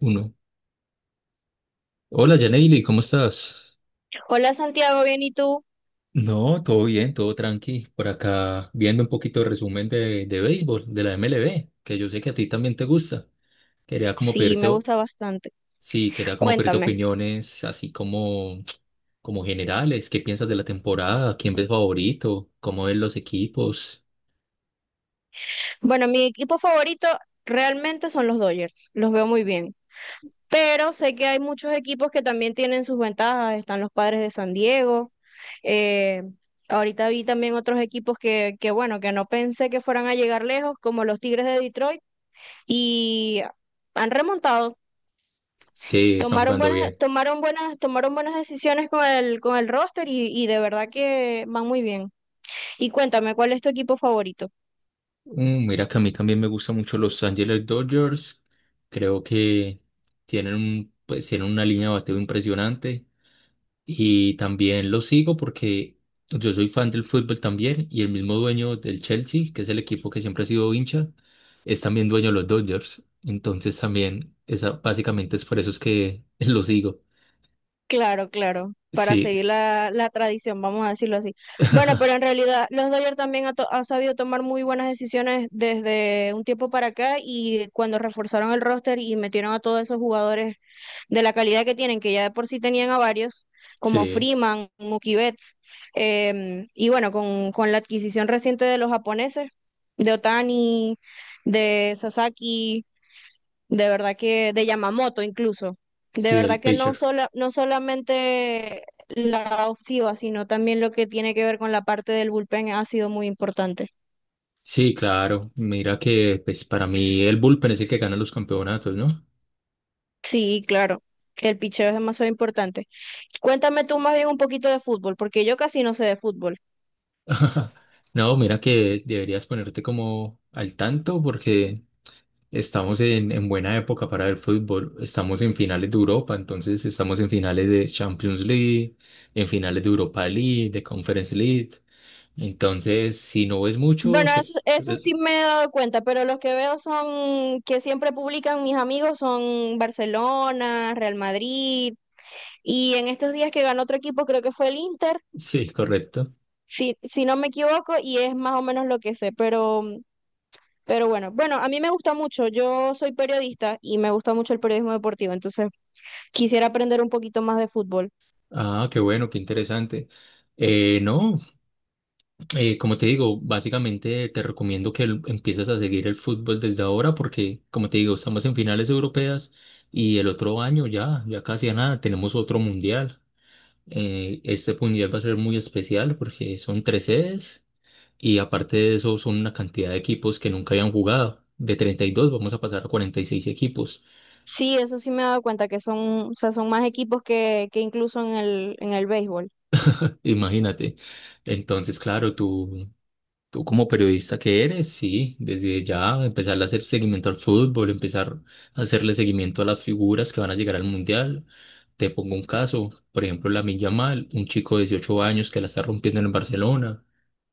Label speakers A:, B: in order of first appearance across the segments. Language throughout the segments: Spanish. A: Uno. Hola, Janely, ¿cómo estás?
B: Hola Santiago, ¿bien y tú?
A: No, todo bien, todo tranqui. Por acá viendo un poquito de resumen de béisbol, de la MLB, que yo sé que a ti también te gusta. Quería como
B: Sí,
A: pedirte,
B: me gusta bastante.
A: sí, quería como pedirte
B: Cuéntame.
A: opiniones, así como generales. ¿Qué piensas de la temporada? ¿Quién ves favorito? ¿Cómo ves los equipos?
B: Bueno, mi equipo favorito realmente son los Dodgers, los veo muy bien, pero sé que hay muchos equipos que también tienen sus ventajas, están los Padres de San Diego, eh, ahorita vi también otros equipos bueno, que no pensé que fueran a llegar lejos, como los Tigres de Detroit, y han remontado.
A: Sí, están jugando bien.
B: Tomaron buenas decisiones con el roster y de verdad que van muy bien. Y cuéntame, ¿cuál es tu equipo favorito?
A: Mira que a mí también me gustan mucho los Angeles Dodgers. Creo que pues, tienen una línea de bateo impresionante. Y también lo sigo porque yo soy fan del fútbol también y el mismo dueño del Chelsea, que es el equipo que siempre ha sido hincha, es también dueño de los Dodgers. Entonces también, básicamente es por eso es que lo sigo.
B: Claro, para
A: Sí,
B: seguir la tradición, vamos a decirlo así. Bueno, pero en realidad los Dodgers también ha sabido tomar muy buenas decisiones desde un tiempo para acá y cuando reforzaron el roster y metieron a todos esos jugadores de la calidad que tienen, que ya de por sí tenían a varios, como
A: sí,
B: Freeman, Mookie Betts, y bueno, con la adquisición reciente de los japoneses, de Otani, de Sasaki, de verdad que, de Yamamoto incluso, de
A: sí, el
B: verdad que
A: pitcher.
B: no solamente la ofensiva, sino también lo que tiene que ver con la parte del bullpen ha sido muy importante.
A: Sí, claro. Mira que pues para mí el bullpen es el que gana los campeonatos, ¿no?
B: Sí, claro, el picheo es demasiado importante. Cuéntame tú más bien un poquito de fútbol, porque yo casi no sé de fútbol.
A: No, mira que deberías ponerte como al tanto porque estamos en buena época para el fútbol. Estamos en finales de Europa, entonces estamos en finales de Champions League, en finales de Europa League, de Conference League. Entonces, si no ves mucho,
B: Bueno, eso
A: eh,
B: sí me he dado cuenta, pero los que veo son que siempre publican mis amigos son Barcelona, Real Madrid, y en estos días que ganó otro equipo, creo que fue el Inter,
A: sí, correcto.
B: si no me equivoco, y es más o menos lo que sé, pero, bueno, a mí me gusta mucho, yo soy periodista y me gusta mucho el periodismo deportivo, entonces quisiera aprender un poquito más de fútbol.
A: Ah, qué bueno, qué interesante. No, como te digo, básicamente te recomiendo que empieces a seguir el fútbol desde ahora porque, como te digo, estamos en finales europeas y el otro año ya, ya casi a nada, tenemos otro mundial. Este mundial va a ser muy especial porque son tres sedes y aparte de eso son una cantidad de equipos que nunca habían jugado. De 32 vamos a pasar a 46 equipos,
B: Sí, eso sí me he dado cuenta, que son, o sea, son más equipos que incluso en el béisbol.
A: imagínate. Entonces, claro, tú como periodista que eres, sí, desde ya empezar a hacer seguimiento al fútbol, empezar a hacerle seguimiento a las figuras que van a llegar al mundial. Te pongo un caso, por ejemplo, Lamine Yamal, un chico de 18 años que la está rompiendo en el Barcelona,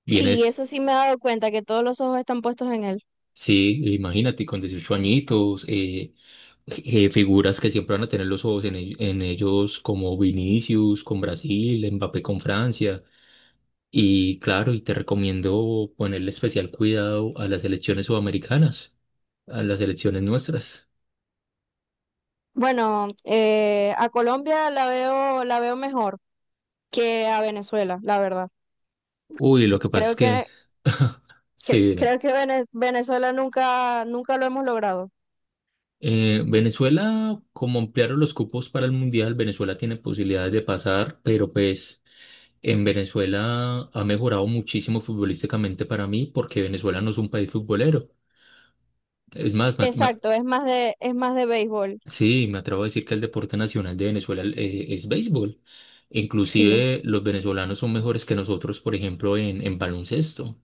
A: viene.
B: Sí, eso sí me he dado cuenta, que todos los ojos están puestos en él.
A: Sí, imagínate, con 18 añitos, figuras que siempre van a tener los ojos en ellos, como Vinicius con Brasil, Mbappé con Francia. Y claro, y te recomiendo ponerle especial cuidado a las elecciones sudamericanas, a las elecciones nuestras.
B: Bueno, a Colombia la veo mejor que a Venezuela, la verdad.
A: Uy, lo que pasa es
B: Creo
A: que,
B: que,
A: sí, dime.
B: creo que Venezuela nunca lo hemos logrado.
A: Venezuela, como ampliaron los cupos para el Mundial, Venezuela tiene posibilidades de pasar, pero pues... En Venezuela ha mejorado muchísimo futbolísticamente para mí porque Venezuela no es un país futbolero. Es más,
B: Exacto, es más de béisbol.
A: sí, me atrevo a decir que el deporte nacional de Venezuela es béisbol.
B: Sí.
A: Inclusive los venezolanos son mejores que nosotros, por ejemplo, en baloncesto.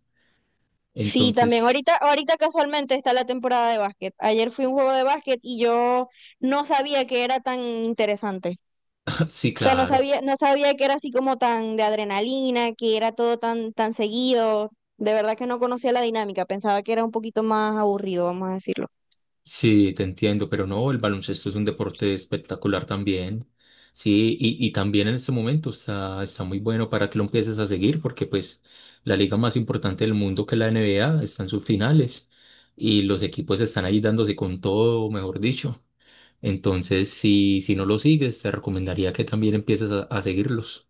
B: Sí, también
A: Entonces,
B: ahorita casualmente está la temporada de básquet. Ayer fui a un juego de básquet y yo no sabía que era tan interesante.
A: sí,
B: O sea,
A: claro.
B: no sabía que era así como tan de adrenalina, que era tan seguido. De verdad que no conocía la dinámica, pensaba que era un poquito más aburrido, vamos a decirlo.
A: Sí, te entiendo, pero no, el baloncesto es un deporte espectacular también. Sí, y también en este momento está, está muy bueno para que lo empieces a seguir, porque pues la liga más importante del mundo que es la NBA está en sus finales y los equipos están ahí dándose con todo, mejor dicho. Entonces, si no lo sigues, te recomendaría que también empieces a seguirlos.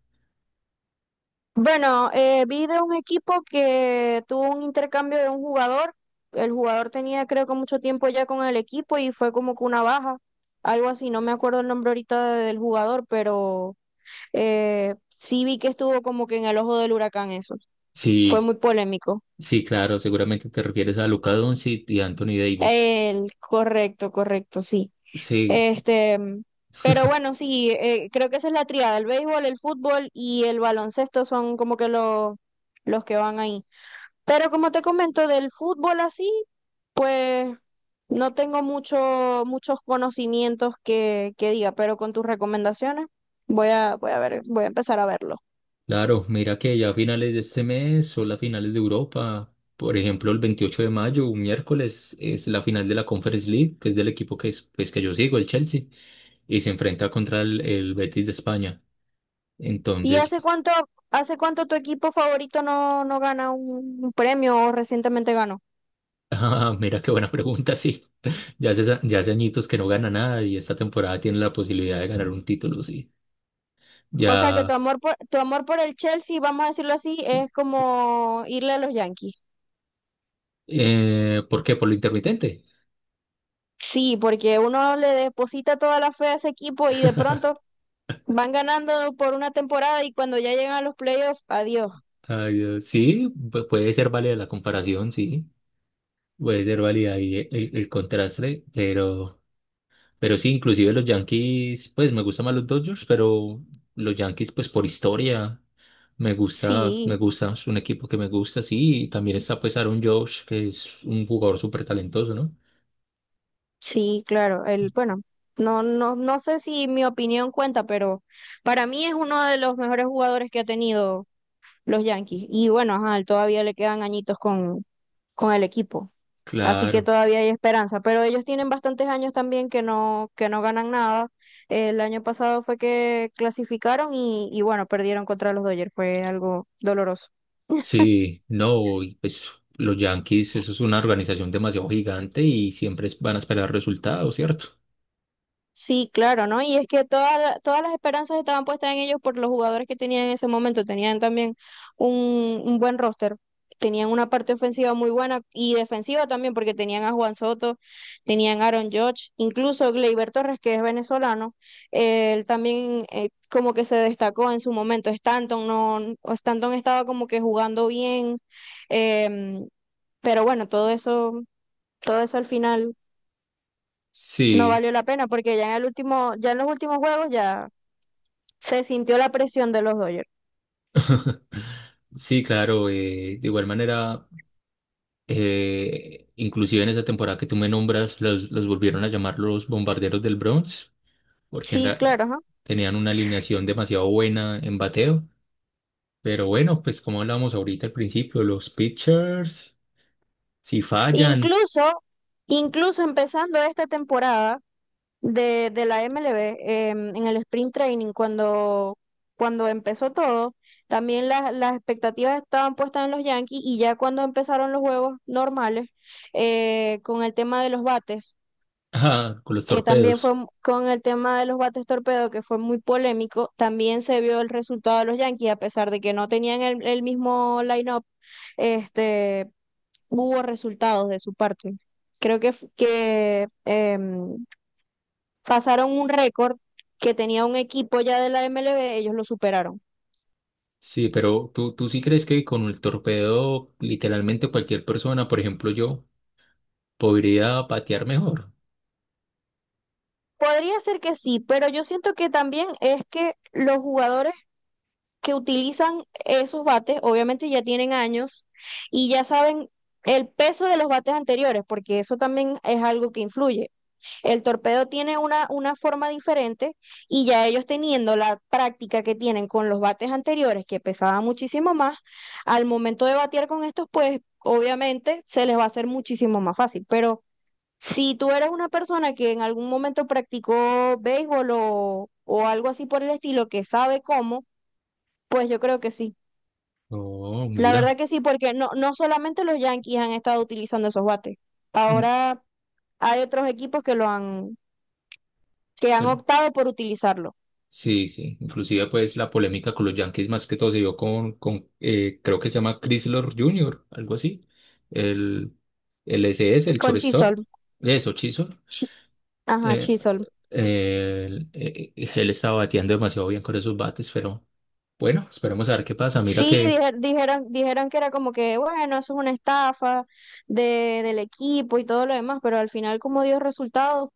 B: Bueno, vi de un equipo que tuvo un intercambio de un jugador. El jugador tenía creo que mucho tiempo ya con el equipo y fue como que una baja, algo así. No me acuerdo el nombre ahorita del jugador, pero sí vi que estuvo como que en el ojo del huracán eso. Fue
A: Sí,
B: muy polémico.
A: sí, claro, seguramente te refieres a Luka Doncic y Anthony Davis.
B: El, correcto, correcto, sí.
A: Sí.
B: Este, mm, pero bueno, sí, creo que esa es la triada. El béisbol, el fútbol y el baloncesto son como que los que van ahí. Pero como te comento, del fútbol así, pues no tengo muchos conocimientos que diga, pero con tus recomendaciones voy a ver, voy a empezar a verlo.
A: Claro, mira que ya a finales de este mes o las finales de Europa. Por ejemplo, el 28 de mayo, un miércoles, es la final de la Conference League, que es del equipo que, es, pues, que yo sigo, el Chelsea, y se enfrenta contra el Betis de España.
B: Y
A: Entonces,
B: hace cuánto, ¿hace cuánto tu equipo favorito no gana un premio o recientemente ganó?
A: ah, mira qué buena pregunta, sí. Ya hace añitos que no gana nada y esta temporada tiene la posibilidad de ganar un título, sí.
B: O sea que
A: Ya,
B: tu amor por el Chelsea, vamos a decirlo así, es como irle a los Yankees.
A: ¿por qué? Por lo intermitente.
B: Sí, porque uno le deposita toda la fe a ese equipo y de pronto van ganando por una temporada y cuando ya llegan a los playoffs, adiós.
A: Ay, Dios, sí, puede ser válida la comparación, sí. Puede ser válida ahí el contraste, pero sí, inclusive los Yankees, pues me gustan más los Dodgers, pero los Yankees, pues por historia,
B: Sí,
A: me gusta, es un equipo que me gusta, sí, y también está pues Aaron Judge, que es un jugador súper talentoso, ¿no?
B: sí, claro. El, bueno, no sé si mi opinión cuenta, pero para mí es uno de los mejores jugadores que ha tenido los Yankees. Y bueno, ajá, todavía le quedan añitos con el equipo. Así que
A: Claro,
B: todavía hay esperanza. Pero ellos tienen bastantes años también que no ganan nada. El año pasado fue que clasificaron y bueno, perdieron contra los Dodgers. Fue algo doloroso.
A: sí, no, y pues los Yankees, eso es una organización demasiado gigante y siempre van a esperar resultados, ¿cierto?
B: Sí, claro, ¿no? Y es que todas las esperanzas estaban puestas en ellos por los jugadores que tenían en ese momento. Tenían también un buen roster. Tenían una parte ofensiva muy buena y defensiva también, porque tenían a Juan Soto, tenían a Aaron Judge, incluso Gleyber Torres, que es venezolano, él también como que se destacó en su momento. Stanton no, Stanton estaba como que jugando bien, em, pero bueno, todo eso al final. No
A: Sí,
B: valió la pena porque ya en el último, ya en los últimos juegos ya se sintió la presión de los Dodgers.
A: sí, claro, de igual manera. Inclusive en esa temporada que tú me nombras, los volvieron a llamar los bombarderos del Bronx, porque
B: Sí, claro, ajá.
A: tenían una alineación demasiado buena en bateo. Pero bueno, pues como hablábamos ahorita al principio, los pitchers, si fallan,
B: Incluso, incluso empezando esta temporada de la MLB, en el sprint training, cuando empezó todo, también las expectativas estaban puestas en los Yankees y ya cuando empezaron los juegos normales, con el tema de los bates
A: ah, con los
B: que también fue
A: torpedos.
B: mu- con el tema de los bates torpedo, que fue muy polémico, también se vio el resultado de los Yankees, a pesar de que no tenían el mismo line-up, este, hubo resultados de su parte. Creo que, f- que em, pasaron un récord que tenía un equipo ya de la MLB, ellos lo superaron.
A: Sí, pero ¿tú sí crees que con el torpedo, literalmente cualquier persona, por ejemplo yo, podría patear mejor?
B: Podría ser que sí, pero yo siento que también es que los jugadores que utilizan esos bates, obviamente ya tienen años y ya saben el peso de los bates anteriores, porque eso también es algo que influye. El torpedo tiene una forma diferente y ya ellos teniendo la práctica que tienen con los bates anteriores, que pesaban muchísimo más, al momento de batear con estos, pues obviamente se les va a hacer muchísimo más fácil. Pero si tú eres una persona que en algún momento practicó béisbol o algo así por el estilo, que sabe cómo, pues yo creo que sí.
A: Oh,
B: La
A: mira.
B: verdad que sí, porque no solamente los Yankees han estado utilizando esos bates. Ahora hay otros equipos que han optado por utilizarlo.
A: Sí, sí. Inclusive, pues, la polémica con los Yankees más que todo se dio con creo que se llama Chrysler Jr., algo así. El, el SS, el
B: Con
A: shortstop.
B: Chisholm.
A: Eso, Chisholm.
B: Chi- Ajá,
A: Eh,
B: Chisholm.
A: él estaba bateando demasiado bien con esos bates, pero bueno, esperemos a ver qué pasa. Mira
B: Sí,
A: que,
B: dijeron dijeron que era como que, bueno, eso es una estafa del equipo y todo lo demás, pero al final como dio resultados,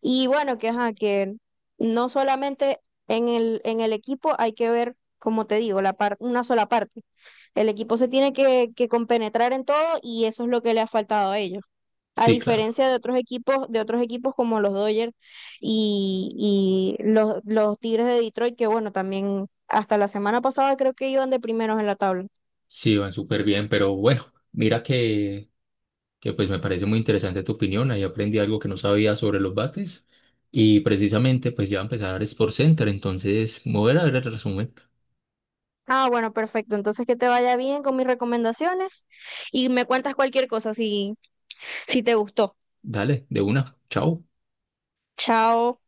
B: y bueno, que ajá, que no solamente en el equipo hay que ver, como te digo, una sola parte. El equipo se tiene que compenetrar en todo y eso es lo que le ha faltado a ellos. A
A: sí, claro,
B: diferencia de otros equipos como los Dodgers y los Tigres de Detroit, que bueno, también hasta la semana pasada creo que iban de primeros en la tabla.
A: sí, van súper bien, pero bueno, mira que pues me parece muy interesante tu opinión. Ahí aprendí algo que no sabía sobre los bates y precisamente pues ya va a empezar Sports Center, entonces me voy a ir a ver el resumen.
B: Ah, bueno, perfecto. Entonces que te vaya bien con mis recomendaciones y me cuentas cualquier cosa si, si te gustó.
A: Dale, de una, chao.
B: Chao.